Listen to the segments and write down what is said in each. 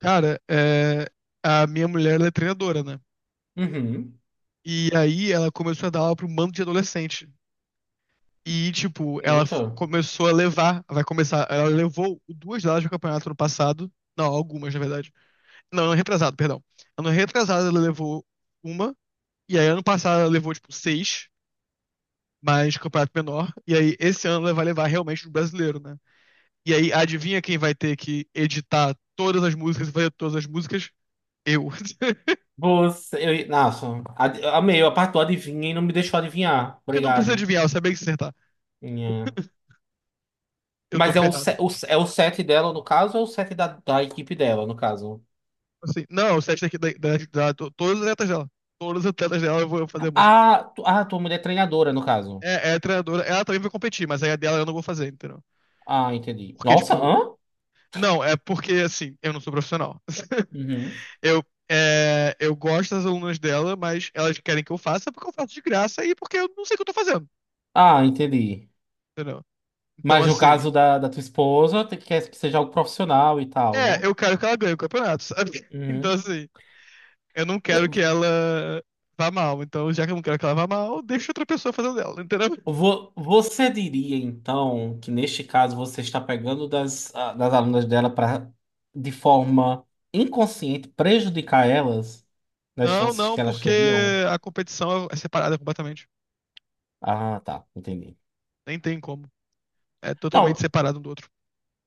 Cara, é, a minha mulher, ela é treinadora, né? Uhum. E aí ela começou a dar aula para um bando de adolescente. E, tipo, Eita. Começou a levar, vai começar, ela levou duas delas pro campeonato no passado. Não, algumas, na verdade. Não, ano retrasado, perdão. Ano retrasado ela levou uma, e aí ano passado ela levou, tipo, seis, mas campeonato menor. E aí esse ano ela vai levar realmente o brasileiro, né? E aí adivinha quem vai ter que editar todas as músicas e fazer todas as músicas? Eu. Boas, eu, nossa, eu amei a parte do adivinha e não me deixou adivinhar. Porque não precisa Obrigado. adivinhar, eu sabia que ia acertar. Minha- Eu tô Mas é o, ferrada. É o set dela, no caso, ou é o set da equipe dela, no caso? Assim, não, o set daqui to- todas as atletas dela. Todas as atletas dela eu vou fazer a música. Ah, ah, tua mulher é treinadora, no caso. É, é a treinadora, ela também vai competir, mas aí a dela eu não vou fazer, entendeu? Ah, entendi. Porque, Nossa, tipo, hã? não, é porque assim, eu não sou profissional. Uhum. Eu, é, eu gosto das alunas dela, mas elas querem que eu faça porque eu faço de graça e porque eu não sei o que eu tô fazendo, Ah, entendi. entendeu? Então, Mas no caso assim, da tua esposa, tu quer que seja algo profissional e tal, é, né? eu quero que ela ganhe o campeonato, sabe? Então, Uhum. assim, eu não quero que ela vá mal. Então, já que eu não quero que ela vá mal, deixa outra pessoa fazendo dela, entendeu? Você diria, então, que neste caso você está pegando das, ah, das alunas dela para, de forma inconsciente, prejudicar elas nas Não, chances não, que elas porque teriam? a competição é separada completamente. Ah, tá, entendi. Nem tem como. É totalmente Não, separado um do outro.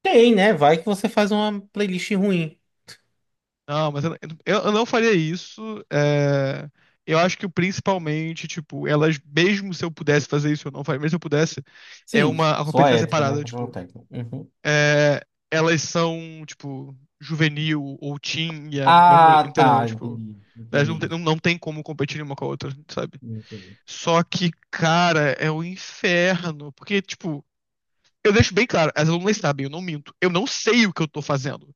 tem, né? Vai que você faz uma playlist ruim. Não, mas eu não faria isso. É, eu acho que principalmente, tipo, elas, mesmo se eu pudesse fazer isso, eu não faria, mesmo se eu pudesse, é Sim, uma. A sua competição é ética, né? separada, Questão tipo. técnica. Uhum. É, elas são, tipo, juvenil ou teen, e a minha mulher- Ah, entendeu? tá, Tipo. entendi, Elas não entendi, tem, não, não tem como competir uma com a outra, sabe? entendi. Só que, cara, é o inferno. Porque, tipo. Eu deixo bem claro, as alunas sabem, eu não minto. Eu não sei o que eu tô fazendo.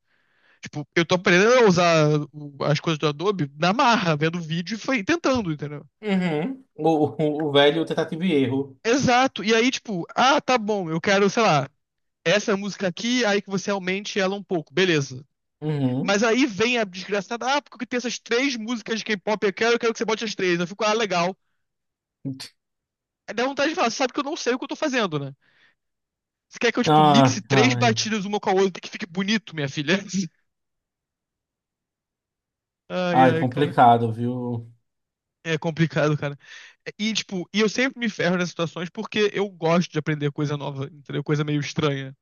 Tipo, eu tô aprendendo a usar o- as coisas do Adobe na marra, vendo vídeo e foi tentando, entendeu? Uhum. O, o velho tentativa e erro. Exato. E aí, tipo, ah, tá bom, eu quero, sei lá, essa música aqui, aí que você aumente ela um pouco, beleza. Uhum. Mas aí vem a desgraçada, ah, porque tem essas três músicas de K-pop, eu quero que você bote as três. Eu fico, ah, legal. Aí dá vontade de falar, você sabe que eu não sei o que eu tô fazendo, né? Você quer que eu, tipo, mixe Ah, três ai, batidas uma com a outra que fique bonito, minha filha? Ai, ai, ai, cara. complicado, viu? É complicado, cara. E, tipo, e eu sempre me ferro nessas situações porque eu gosto de aprender coisa nova, entendeu? Coisa meio estranha.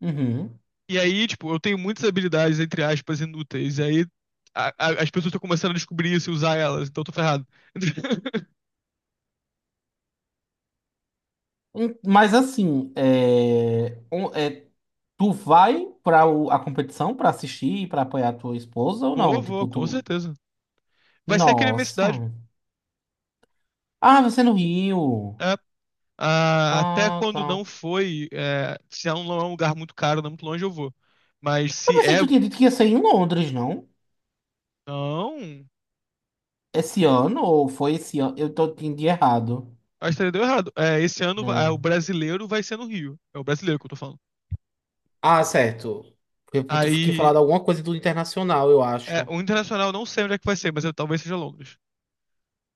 Uhum. E aí, tipo, eu tenho muitas habilidades, entre aspas, inúteis. E aí as pessoas estão começando a descobrir isso e usar elas, então eu tô ferrado. Mas assim, tu vai para a competição para assistir, para apoiar tua esposa ou Vou, não? vou, Tipo, com tu. certeza. Vai ser aqui na minha Nossa. cidade. Ah, você é no Rio. É. Ah, até Ah, quando tá. não foi, é, se é um, não é um lugar muito caro, não é muito longe, eu vou. Mas Eu se pensei é. que tu tinha dito que ia ser em Londres, não? Não. Esse ano ou foi esse ano? Eu tô entendi errado. Acho que deu errado. É, ah, o Hum. brasileiro vai ser no Rio. É o brasileiro que eu tô falando. Ah, certo. Eu, tu tinha Aí falado alguma coisa do internacional, eu é, acho. o internacional eu não sei onde é que vai ser, mas eu, talvez seja Londres.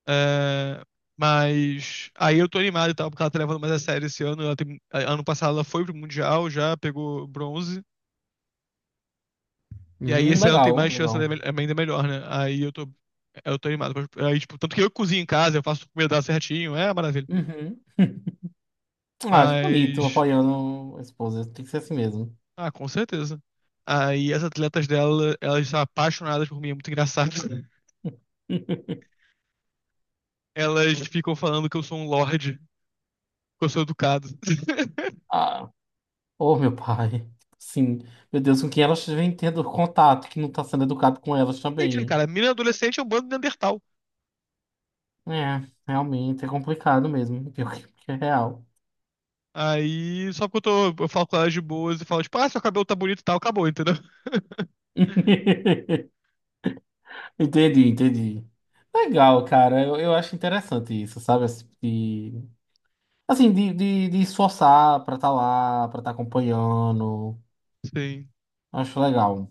É, mas aí eu tô animado e tal, porque ela tá levando mais a sério esse ano. Ano passado ela foi pro Mundial já, pegou bronze. E aí esse ano tem Legal, mais chance, ela legal. é ainda melhor, né? Aí eu tô animado. Aí, tipo, tanto que eu cozinho em casa, eu faço comida dela certinho, é uma maravilha. Uhum. Ah, que bonito, Mas, apoiando a esposa. Tem que ser assim mesmo. ah, com certeza. Aí as atletas dela, elas são apaixonadas por mim, é muito engraçado. Elas ficam falando que eu sou um lorde, que eu sou educado. Ah, oh, meu pai. Sim. Meu Deus, com quem elas vêm tendo contato, que não tá sendo educado com elas Gente, né, também. cara, menina adolescente é um bando de Neandertal. É, realmente é complicado mesmo. Pior que é real. Aí, só que eu tô, eu falo com elas de boas e falo, tipo, ah, seu cabelo tá bonito e tal, acabou, entendeu? Entendi, entendi. Legal, cara. Eu acho interessante isso, sabe? Esse tipo de, assim, de esforçar pra estar lá, pra estar acompanhando. Sim. Acho legal.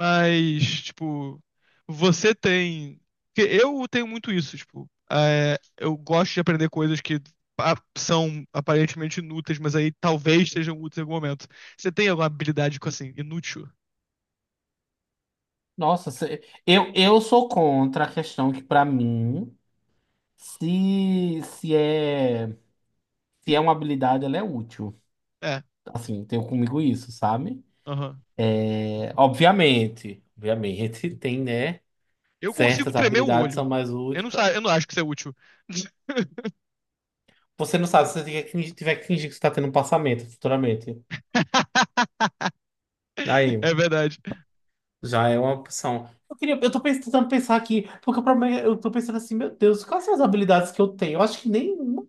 Mas, tipo, você tem. Porque eu tenho muito isso, tipo, é, eu gosto de aprender coisas que são aparentemente inúteis, mas aí talvez sejam úteis em algum momento. Você tem alguma habilidade com assim, inútil? Nossa, eu sou contra a questão que, pra mim, se, se é. se é uma habilidade, ela é útil. É, Assim, tenho comigo isso, sabe? aham. É, obviamente, obviamente, tem, né? Eu consigo Certas tremer o habilidades são olho. mais Eu úteis não, pra... eu não acho que isso é útil. Você não sabe se você tiver que fingir que você tá tendo um passamento futuramente. É Aí, verdade. já é uma opção. Eu queria, eu tô tentando pensar aqui, porque o problema é, eu tô pensando assim, meu Deus, quais são as habilidades que eu tenho? Eu acho que nenhuma.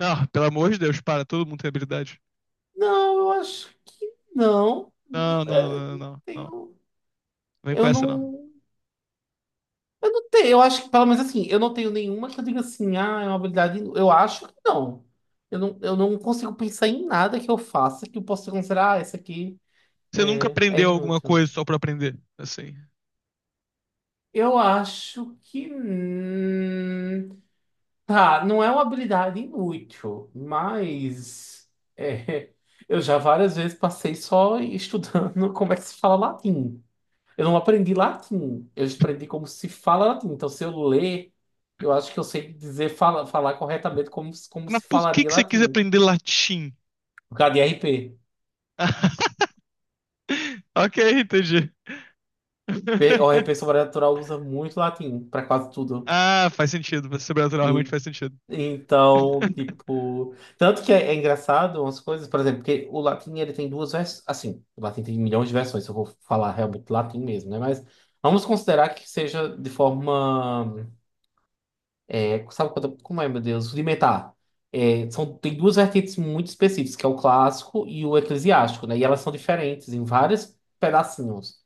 Não, pelo amor de Deus, para, todo mundo tem habilidade. Não, eu acho que não. Não, não, É, não, não, não, não. Não tenho, vem com eu essa, não. não. Eu não tenho, eu acho que, pelo menos assim, eu não tenho nenhuma que eu diga assim, ah, é uma habilidade. Eu acho que não. Eu não consigo pensar em nada que eu faça que eu possa considerar, ah, essa aqui Você nunca é aprendeu alguma inútil. coisa só pra aprender, assim. Eu acho que. Tá, não é uma habilidade inútil, mas. É, eu já várias vezes passei só estudando como é que se fala latim. Eu não aprendi latim, eu aprendi como se fala latim. Então, se eu ler, eu acho que eu sei dizer, falar corretamente como, como Mas se por que falaria que você quis latim. aprender latim? Por causa de RP. Ok, entendi. O RP Sobrenatural usa muito latim para quase tudo. Ah, faz sentido. Você sobrenatural realmente En- faz sentido. Então, tipo. Tanto que é, é engraçado umas coisas, por exemplo, porque o latim ele tem duas versões. Assim, o latim tem milhões de versões, se eu vou falar realmente latim mesmo, né? Mas vamos considerar que seja de forma. É, sabe quando, como é, meu Deus? Rudimentar. É, são, tem duas vertentes muito específicas, que é o clássico e o eclesiástico, né? E elas são diferentes em vários pedacinhos.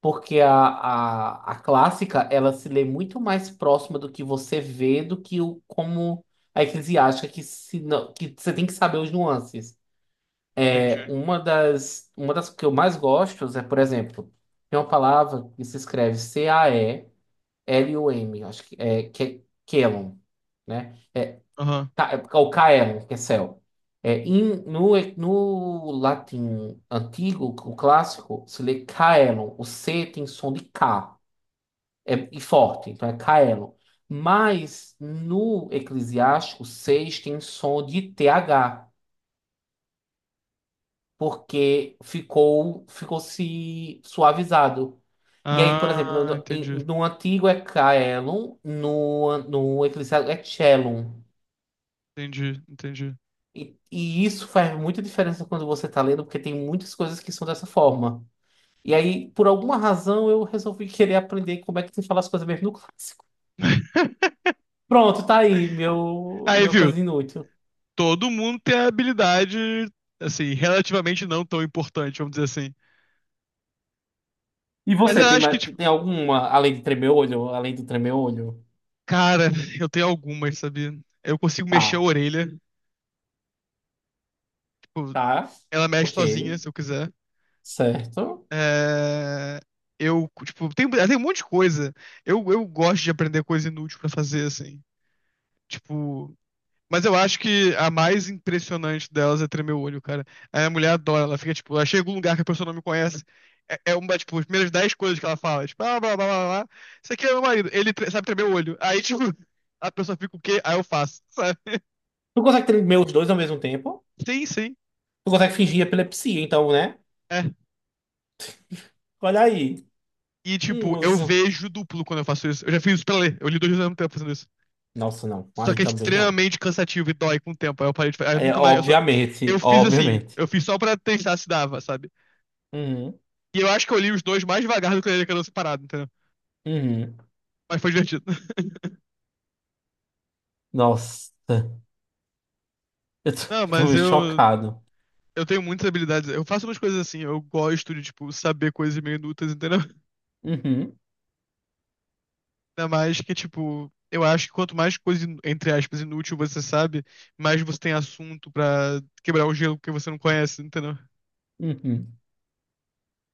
Porque a clássica, ela se lê muito mais próxima do que você vê do que o, como a eclesiástica, que, se, não- que você tem que saber os nuances. É, Entendi. Uma das que eu mais gosto é, por exemplo, tem uma palavra que se escreve C-A-E-L-U-M, acho que é Kelon, né? Aham. O KR, que é céu. É, no latim antigo, o clássico, se lê caelum. O C tem som de K, é, e forte, então é caelum. Mas no Eclesiástico, 6 tem som de TH, porque ficou, ficou se suavizado. E aí, por exemplo, Ah, entendi. no antigo é caelum, no Eclesiástico é cellum. Entendi, entendi. E isso faz muita diferença quando você está lendo, porque tem muitas coisas que são dessa forma. E aí, por alguma razão, eu resolvi querer aprender como é que se fala as coisas mesmo no clássico. Pronto, tá aí, meu, Aí, meu viu? coisa inútil. Todo mundo tem a habilidade, assim, relativamente não tão importante, vamos dizer assim. E Mas você, eu tem, acho que, tipo, tem alguma, além de tremer o olho, além do tremer o olho? cara, eu tenho algumas, sabe? Eu consigo mexer a Tá, orelha. Tipo, tá, ela mexe ok, sozinha, se eu quiser. certo. É... Eu, tipo, tem, tem um monte de coisa. Eu gosto de aprender coisa inútil pra fazer, assim. Tipo... Mas eu acho que a mais impressionante delas é tremer o olho, cara. A minha mulher adora. Ela fica, tipo... Ela chega em um lugar que a pessoa não me conhece. É, é uma, tipo, as primeiras 10 coisas que ela fala. Tipo, blá, blá, blá, blá, blá. Isso aqui é meu marido. Sabe tremer o olho. Aí, tipo... A pessoa fica o quê? Aí eu faço, sabe? Tu consegue tremer os dois ao mesmo tempo? Sim, sim. Tu consegue fingir epilepsia, então, né? É. Olha aí, E, um tipo, eu uso. vejo duplo quando eu faço isso. Eu já fiz isso pra ler. Eu li dois livros ao mesmo tempo fazendo isso. Nossa, não, Só aí que é também não. extremamente cansativo e dói com o tempo. Aí eu parei de fazer. Eu É, nunca mais. Eu, só... eu obviamente, fiz assim. obviamente. Eu fiz só pra testar se dava, sabe? Uhum. E eu acho que eu li os dois mais devagar do que eu li aquela separado, entendeu? Uhum. Mas foi divertido. Nossa, eu Não, tô, tô mas meio eu. chocado. Eu tenho muitas habilidades. Eu faço umas coisas assim. Eu gosto de, tipo, saber coisas meio inúteis, entendeu? Uhum, Ainda mais que, tipo. Eu acho que quanto mais coisa, entre aspas, inútil você sabe, mais você tem assunto pra quebrar o gelo que você não conhece, entendeu? uhum.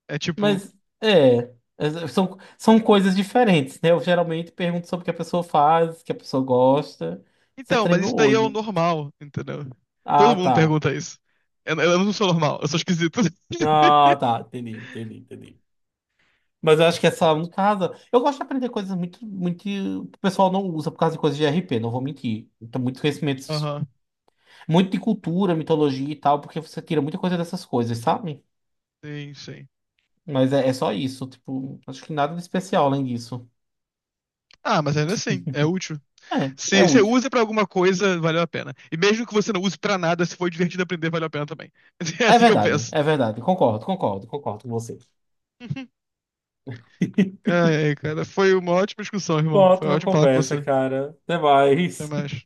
É tipo, Mas é, é, são, são coisas diferentes, né? Eu geralmente pergunto sobre o que a pessoa faz, o que a pessoa gosta. Você então, mas treme o isso daí é o olho. normal, entendeu? Todo Ah, mundo tá. pergunta isso. Eu não sou normal, eu sou esquisito. Ah, tá. Entendi, entendi, entendi. Mas eu acho que essa, no caso, eu gosto de aprender coisas muito, muito que o pessoal não usa por causa de coisas de R P não vou mentir. Então, muito conhecimento, Aham, muito de cultura, mitologia e tal, porque você tira muita coisa dessas coisas, sabe? sim, sim. Mas é, é só isso, tipo, acho que nada de especial além disso. Ah, mas ainda assim, é útil. É, Se é você útil. usa pra alguma coisa, valeu a pena. E mesmo que você não use pra nada, se for divertido aprender, valeu a pena também. É É assim que eu verdade, penso. é verdade. Concordo, concordo, concordo com você. Ai, ai, cara, foi uma ótima discussão, Uma irmão. Foi ótima ótimo falar com conversa, você. cara. Até Até mais. mais.